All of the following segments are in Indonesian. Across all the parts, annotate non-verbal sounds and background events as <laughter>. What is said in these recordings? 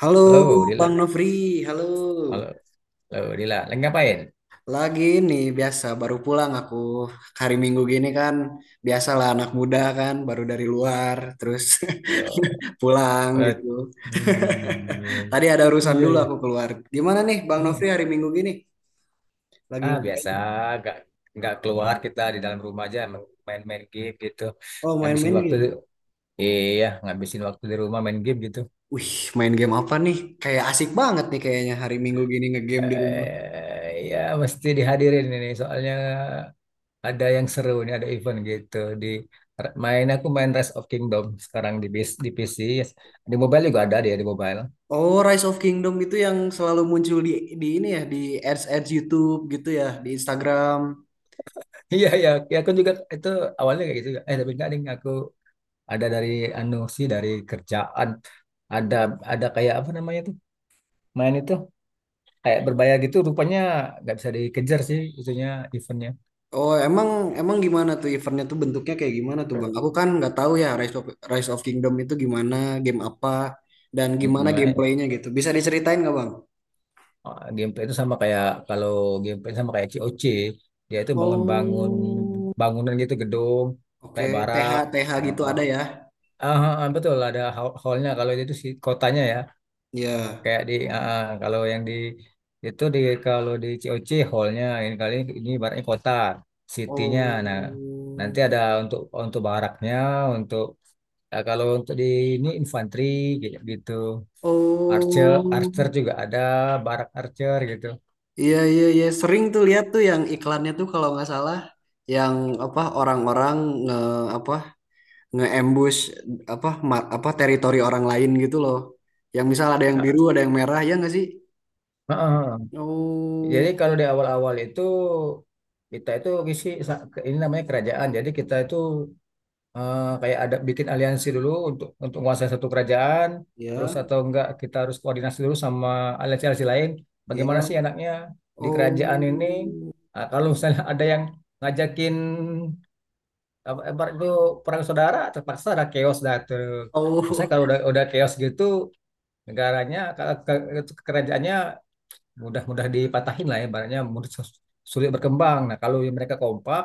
Halo Halo, Bang Dila. Nofri, halo. Halo, halo, Dila. Lagi ngapain? Lagi nih biasa baru pulang aku hari Minggu gini kan biasalah anak muda kan baru dari luar terus <laughs> Yo, pulang eh, gitu. hmm, <laughs> Tadi ada iya, urusan iya, dulu iya. aku keluar. Gimana nih Bang Hmm. Nofri hari Minggu gini? Lagi Ah, biasa, ngapain? nggak nggak keluar kita di dalam rumah aja main-main game gitu. Oh Habisin main-main waktu, game. iya, ngabisin waktu di rumah main game gitu. Wih, main game apa nih? Kayak asik banget nih kayaknya hari Minggu gini ngegame di rumah. Eh, iya, mesti dihadirin ini soalnya ada yang seru nih, ada event gitu di main aku main Rise of Kingdom sekarang di PC, di mobile juga ada dia di mobile. Oh, Rise of Kingdom itu yang selalu muncul di ini ya di ads ads YouTube gitu ya di Instagram. Iya iya, ya, aku juga itu awalnya kayak gitu juga. Eh tapi enggak ding, aku ada dari anu sih dari kerjaan ada ada kayak apa namanya tuh main itu kayak berbayar gitu rupanya nggak bisa dikejar sih itunya eventnya. Oh, emang emang gimana tuh eventnya tuh bentuknya kayak gimana tuh Bang? Aku kan nggak tahu ya Rise of Kingdom itu gimana, game apa, dan gimana Mm-mm, gameplaynya gitu. Bisa diceritain nggak Bang? ah, gameplay itu sama kayak kalau gameplay sama kayak C O C. Dia itu bangun-bangun Oh, bangunan gitu, gedung oke. kayak TH barak. TH gitu Heeh. ada ya? Betul ada hallnya kalau itu sih kotanya ya. Ya. Kayak di kalau yang di itu di kalau di COC hallnya ini, kali ini ibaratnya kota citynya, Oh, nah nanti ada untuk baraknya, untuk kalau untuk di ini infanteri gitu, gitu. Archer oh, archer juga ada, barak archer gitu. iya iya iya. Sering tuh lihat tuh yang iklannya tuh kalau nggak salah, yang apa orang-orang nge apa nge-ambush apa apa teritori orang lain gitu loh. Yang misal ada yang Ah, biru, ada yang merah, ya nggak sih? ah, ah. Oh, Jadi kalau di awal-awal itu, kita itu isi ini namanya kerajaan. Jadi kita itu, kayak ada bikin aliansi dulu untuk menguasai satu kerajaan, terus ya, atau enggak kita harus koordinasi dulu sama aliansi-aliansi lain. Bagaimana ya. sih enaknya di kerajaan Oh, ini? Kalau misalnya <laughs> ada yang ngajakin, apa ibarat itu perang saudara, terpaksa ada chaos dah tuh. Misalnya oh, kalau udah chaos gitu negaranya, kalau kerajaannya mudah-mudah dipatahin lah ya, ibaratnya mudah sulit berkembang. Nah, kalau mereka kompak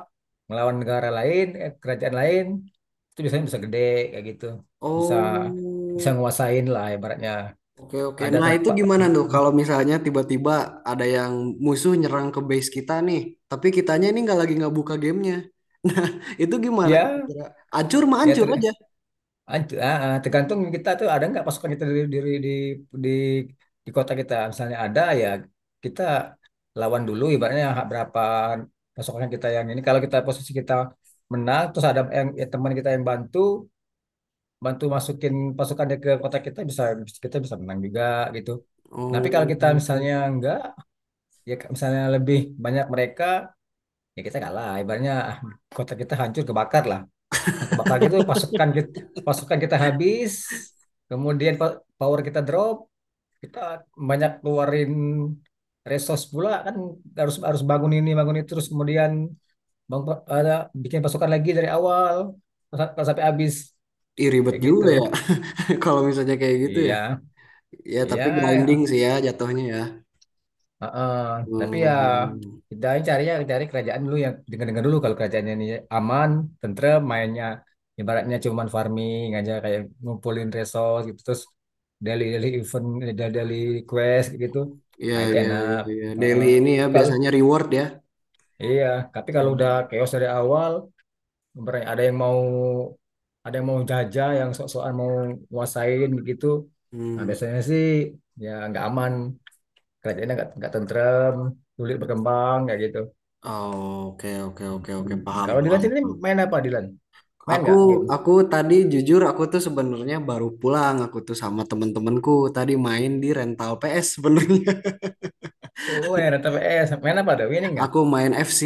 melawan negara lain, eh, kerajaan lain, itu biasanya bisa gede kayak gitu, bisa bisa oh. nguasain lah ibaratnya. Oke, oke. Ada Nah, itu tempat. gimana tuh kalau misalnya tiba-tiba ada yang musuh nyerang ke base kita nih, tapi kitanya ini nggak lagi nggak buka gamenya. <laughs> Nah, itu gimana Ya, kira-kira? Ancur mah ya, ancur aja. Tergantung kita tuh ada nggak pasukan kita di di, di kota kita. Misalnya ada, ya kita lawan dulu ibaratnya hak berapa pasukan kita yang ini. Kalau kita posisi kita menang, terus ada yang, ya teman kita yang bantu bantu masukin pasukan dia ke kota kita, kita bisa menang juga gitu. Tapi kalau Oh, kita misalnya enggak, ya misalnya lebih banyak mereka, ya kita kalah. Ibaratnya, kota kita hancur kebakar lah. Nah, kebakar gitu pasukan kita habis, kemudian power kita drop, kita banyak keluarin resource pula kan, harus harus bangun ini bangun itu, terus kemudian bangun, ada bikin pasukan lagi dari awal sampai habis <laughs> ih, ribet kayak gitu. juga ya <laughs> kalau misalnya kayak gitu ya. Iya. Ya, Iya, tapi grinding ya. sih ya jatuhnya ya. Heeh. Tapi ya Hmm, kita carinya cari kerajaan dulu yang dengar-dengar dulu kalau kerajaannya ini aman, tentrem, mainnya ibaratnya cuman farming aja kayak ngumpulin resource gitu, terus daily-daily event, daily-daily quest gitu. ya, Nah, itu ya, enak. ya, ya. Heeh. Daily ini ya Tapi Kalau biasanya reward ya. iya, tapi kalau udah Hmm. chaos dari awal, ibaratnya ada yang mau jajah, yang sok-sokan mau nguasain gitu. Nah, Hmm. biasanya sih ya nggak aman. Kerajaannya nggak tentrem, sulit berkembang kayak gitu. Oh, oke, oke, oke, oke, Hmm. paham, Kalau Dilan paham, sendiri paham. main apa, Dilan? Main Aku, nggak game? aku tadi jujur aku tuh sebenarnya baru pulang. Aku tuh sama temen-temenku tadi main di rental PS sebenarnya. Oh, main rata PS. Main apa, ada winning <laughs> nggak? Aku main FC.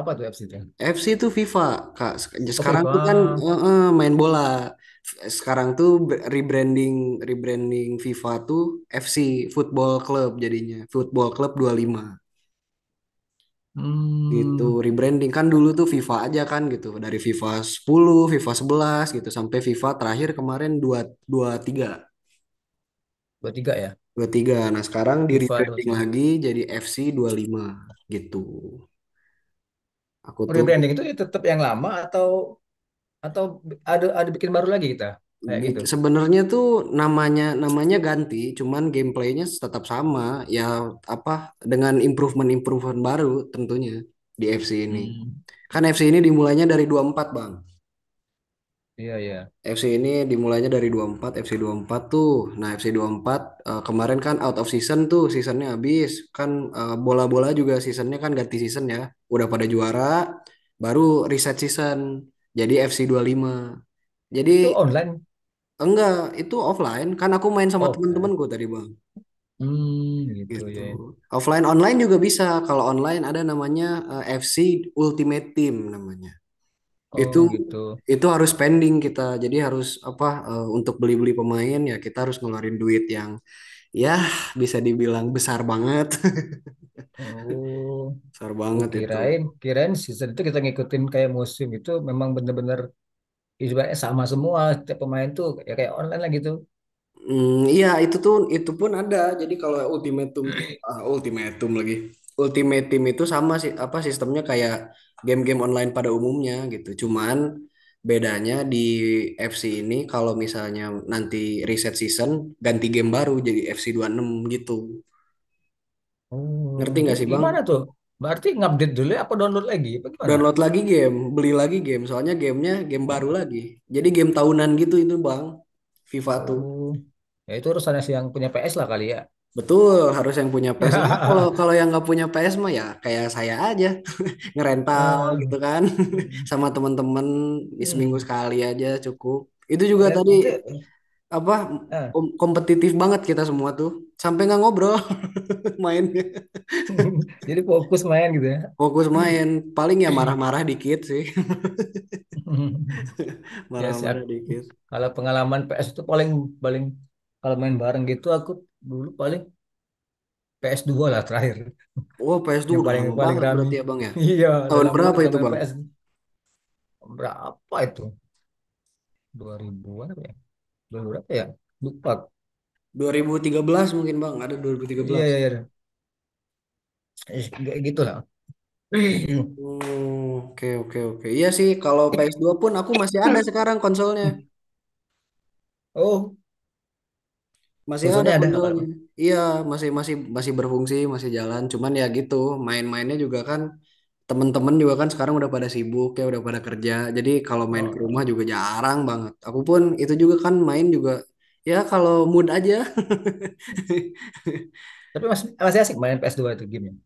Apa tuh apps itu? FC itu FIFA, Kak. Oh, Sekarang tuh kan FIFA. Main bola. Sekarang tuh rebranding rebranding FIFA tuh FC Football Club jadinya. Football Club 25 gitu. Hmm, Rebranding kan dulu tuh FIFA aja kan gitu. Dari FIFA 10, FIFA 11 gitu sampai FIFA terakhir kemarin 2 23. 23 ya? Tiga. Nah, sekarang di FIFA rebranding 23. lagi jadi FC 5 gitu. Aku Oh, tuh rebranding itu tetap yang lama atau ada bikin baru lagi kita? Kayak gitu. Sebenarnya tuh namanya namanya ganti, cuman gameplaynya tetap sama. Ya apa dengan improvement-improvement baru tentunya di FC ini. Hmm, Kan FC ini dimulainya dari 24 Bang. iya iya. FC ini dimulainya dari 24, FC 4 tuh. Nah, FC 24 kemarin kan out of season tuh, seasonnya habis. Kan bola-bola juga seasonnya kan ganti season ya. Udah pada juara, baru reset season. Jadi FC lima. Jadi Itu online. Enggak, itu offline. Kan aku main sama Oh, offline. teman-temanku tadi, Bang. Hmm, gitu ya. Gitu. Offline online juga bisa. Kalau online ada namanya FC Ultimate Team namanya. Oh, Itu gitu. itu harus spending kita. Jadi harus apa untuk beli-beli pemain ya kita harus ngeluarin duit yang ya bisa dibilang besar banget. <laughs> Oh, Besar Oh, banget itu. kirain season itu kita ngikutin kayak musim itu, memang bener-bener ibaratnya sama semua setiap pemain tuh ya kayak online lah gitu. Hmm, iya itu tuh itu pun ada. Jadi kalau ultimatum ultimatum lagi. Ultimatum itu sama sih apa sistemnya kayak game-game online pada umumnya gitu. Cuman bedanya di FC ini kalau misalnya nanti reset season ganti game baru jadi FC 6 gitu. Oh, Ngerti nggak jadi sih Bang? gimana tuh? Berarti ngupdate dulu ya, apa download lagi? Apa gimana? Download lagi game, beli lagi game. Soalnya gamenya game baru Oh, lagi. Jadi game tahunan gitu itu Bang. FIFA tuh. oh, ya itu urusannya si yang punya PS lah kali ya. Betul, harus yang punya PS. Ya, kalau kalau <laughs> yang nggak punya PS mah ya kayak saya aja, <laughs> ngerental Eh, gitu kan. <laughs> hmm, Sama temen-temen di seminggu hmm. sekali aja cukup. Itu juga Keren. tadi Itu, apa ah. Kompetitif banget kita semua tuh. Sampai nggak ngobrol <laughs> mainnya. <laughs> Jadi fokus main gitu ya. <clears throat> Fokus main, paling ya marah-marah dikit sih. <laughs> <laughs> Ya sih, Marah-marah dikit. kalau pengalaman PS itu paling paling kalau main bareng gitu, aku dulu paling PS2 lah terakhir Wah, PS tuh yang udah paling lama paling banget rame. berarti ya, Bang ya. <laughs> Iya, Tahun dalam lama berapa nggak itu, main Bang? PS berapa itu? 2000-an apa ya? 2000 berapa ya? Lupa. 2013 mungkin, Bang. Ada dua ribu tiga Iya, belas iya, iya. Eh, kayak gitu lah. <laughs> Hmm, oke oke oke. Iya sih, kalau PS2 pun aku masih ada sekarang konsolnya. Oh, Masih ada konsolnya ada kalau. konsolnya. Iya, masih masih masih berfungsi, masih jalan. Cuman ya gitu, main-mainnya juga kan temen-temen juga kan sekarang udah pada sibuk ya, udah pada kerja. Jadi kalau main ke Oh. rumah juga jarang banget. Aku pun itu juga kan main juga ya kalau mood aja. <laughs> Tapi masih masih asik main PS2 itu gamenya.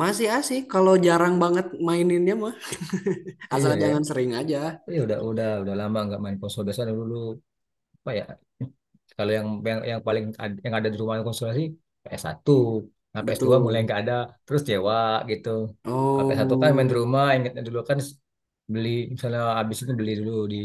Masih asik kalau jarang banget maininnya mah. <laughs> Asal Iya ya. jangan sering aja. Iya, udah lama nggak main konsol, biasanya dulu apa ya, kalau yang paling yang ada di rumah, konsultasi, PS1. Nah, PS2 mulai Betul. nggak ada, terus sewa gitu. Kalau PS1 kan main di Oh. rumah, ingatnya dulu kan beli, misalnya habis itu beli dulu di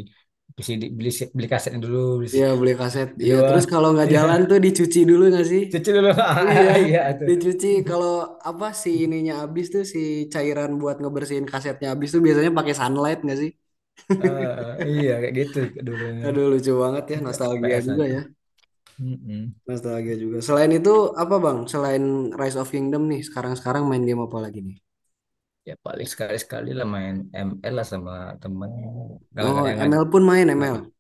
PC, beli beli kasetnya dulu, beli Iya si- beli kaset. di Iya luar. terus kalau <laughs> nggak Iya, jalan tuh dicuci dulu nggak sih? cuci dulu. <laughs> Iya Iya itu. dicuci. Kalau <laughs> apa si ininya habis tuh si cairan buat ngebersihin kasetnya habis tuh biasanya pakai sunlight nggak sih? Ah, iya kayak gitu dulunya. Aduh lucu banget ya nostalgia ps juga satu ya. Mm-mm. Nostalgia juga. Selain itu apa Bang? Selain Rise of Kingdom nih sekarang-sekarang main game apa lagi nih? Ya paling sekali-sekali lah main ML lah sama temen, kalau nggak Oh yang ngajak, ML pun main eh, ML.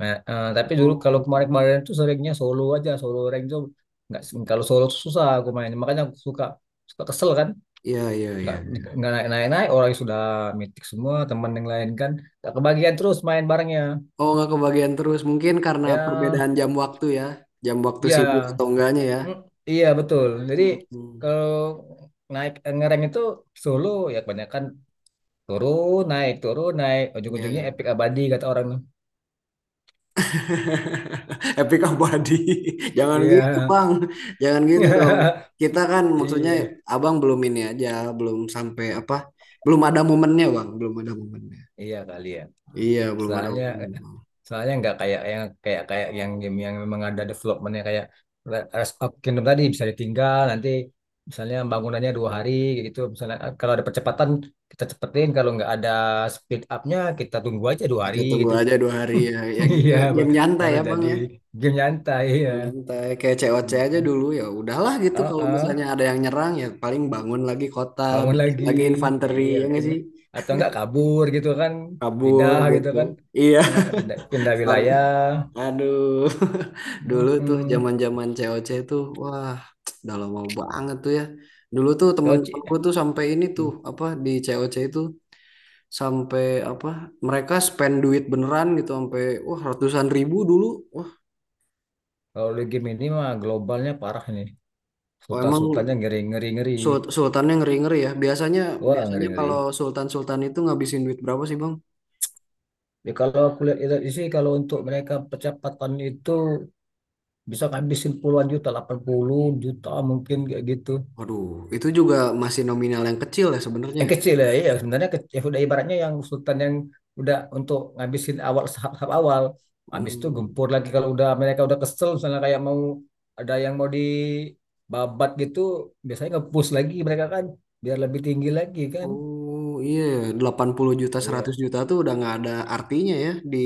Nah, tapi dulu Oh kalau kemarin-kemarin tuh seringnya solo aja, solo rank tuh nggak. Kalau solo tuh susah aku main. Makanya aku suka suka kesel kan, iya iya nggak iya, iya. nggak naik-naik, orang yang sudah mitik semua teman yang lain kan, nggak kebagian terus main barengnya. Oh nggak kebagian terus mungkin karena Ya, perbedaan jam waktu ya. Jam waktu sibuk iya, atau enggaknya ya. Mm, iya betul. Jadi Hmm, kalau naik ngereng itu solo, ya kebanyakan turun naik turun naik, ujung-ujungnya ya. epic abadi kata orang. <laughs> Epic abadi. <laughs> Jangan Iya, gitu, Bang. Jangan gitu dong. <laughs> Kita kan maksudnya iya, Abang belum ini aja, belum sampai apa? Belum ada momennya, Bang. Belum ada momennya. iya kali ya. Iya, belum ada Soalnya momennya, Bang. Soalnya nggak kayak yang, kayak kayak yang game yang memang ada developmentnya kayak Rise of Kingdom tadi, bisa ditinggal. Nanti misalnya bangunannya 2 hari kayak gitu, misalnya kalau ada percepatan kita cepetin, kalau nggak ada speed upnya kita tunggu aja 2 hari Kita tunggu gitu. aja 2 hari ya. Ya <laughs> gitu, Iya, game nyantai baru ya, Bang jadi ya. game nyantai ya. Game nyantai kayak COC aja Mm-mm. dulu ya. Udahlah gitu kalau Uh-uh. misalnya ada yang nyerang ya paling bangun lagi kota, Bangun bikin lagi, lagi infanteri iya ya nggak bikin, sih? atau nggak kabur gitu kan, Kabur pindah gitu gitu. kan. Iya. Ya, pindah pindah <laughs> wilayah. Aduh, <laughs> dulu tuh Mm-mm. zaman-zaman COC tuh, wah, <tsk> udah lama banget tuh ya. Dulu tuh Kalau Ci- temen-temenku tuh sampai ini tuh apa di COC itu sampai apa mereka spend duit beneran gitu sampai wah ratusan ribu dulu. Wah, Kalau di game ini mah globalnya parah ini. oh, Sultan-sultannya emang ngeri-ngeri-ngeri. Sultannya ngeri-ngeri ya. Biasanya Wah, biasanya ngeri-ngeri. kalau sultan-sultan itu ngabisin duit berapa sih, Bang? Ya, kalau aku lihat itu sih, kalau untuk mereka percepatan itu bisa ngabisin puluhan juta, 80 juta mungkin kayak gitu. Waduh, itu juga masih nominal yang kecil ya sebenarnya. Yang kecil ya, ya sebenarnya kecil. Ya udah, ibaratnya yang sultan yang udah untuk ngabisin awal, tahap-tahap awal. Habis itu Hmm. gempur lagi kalau udah mereka udah kesel, misalnya kayak mau, ada yang mau dibabat gitu, biasanya nge-push lagi mereka kan biar lebih tinggi lagi kan. Oh iya, ya, 80 juta, 100 Iya. juta tuh udah nggak ada artinya ya di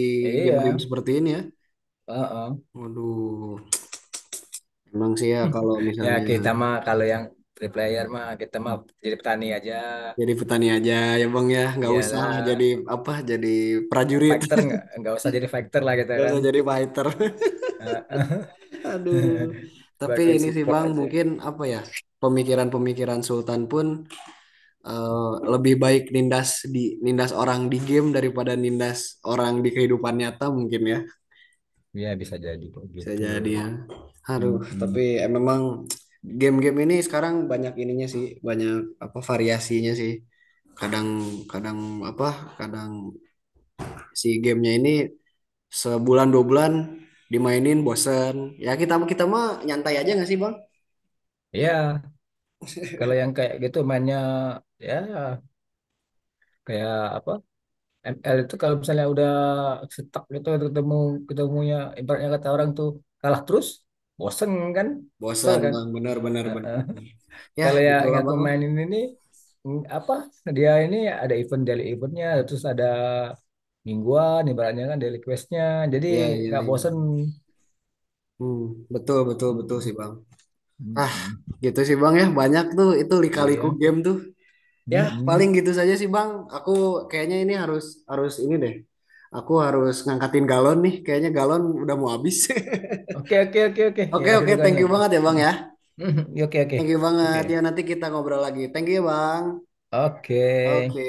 game-game Iya. seperti ini ya. Heeh. Waduh, emang sih ya <laughs> kalau Ya misalnya kita mah kalau yang three player mah, kita mah jadi petani aja. jadi petani aja ya Bang ya, nggak usah lah jadi Iyalah, apa, jadi prajurit, fighter, nggak usah jadi fighter lah <laughs> kita nggak kan. usah jadi fighter. Heeh. <laughs> Aduh, <laughs> tapi Bagian ini sih support Bang aja. mungkin apa ya, pemikiran-pemikiran Sultan pun eh, lebih baik nindas di nindas orang di game daripada nindas orang di kehidupan nyata mungkin ya. Ya bisa jadi kok Bisa gitu. jadi ya. Aduh, tapi Mm-mm. Memang game-game ini sekarang banyak ininya sih, banyak apa variasinya sih. Kadang kadang apa? Kadang si gamenya ini sebulan 2 bulan dimainin bosen. Ya kita kita mah nyantai aja nggak sih Bang? Ya kalau yang kayak gitu mainnya ya kayak apa? ML itu kalau misalnya udah stuck gitu, ketemunya ibaratnya kata orang tuh kalah terus, bosen kan, kesel Bosen kan. Bang, bener bener bener. Ya Kalau yang gitulah aku Bang lah. mainin ini, apa, dia ini ada event daily eventnya, terus ada mingguan ibaratnya kan daily questnya, jadi Ya ya, nggak bosen. ya. Hmm, betul betul betul Mm-mm, sih Bang. Ah mm-mm. gitu sih Bang ya, banyak tuh itu lika-liku Iya. game tuh. Ya, paling Mm-mm. gitu saja sih Bang. Aku kayaknya ini harus harus ini deh. Aku harus ngangkatin galon nih. Kayaknya galon udah mau habis. <laughs> Oke oke oke oke, ya Oke, aku oke, juga thank nih. you banget ya Bang Mm. ya. <laughs> Oke oke Thank you oke banget. Ya nanti kita ngobrol lagi. Thank you ya Bang. oke. Oke.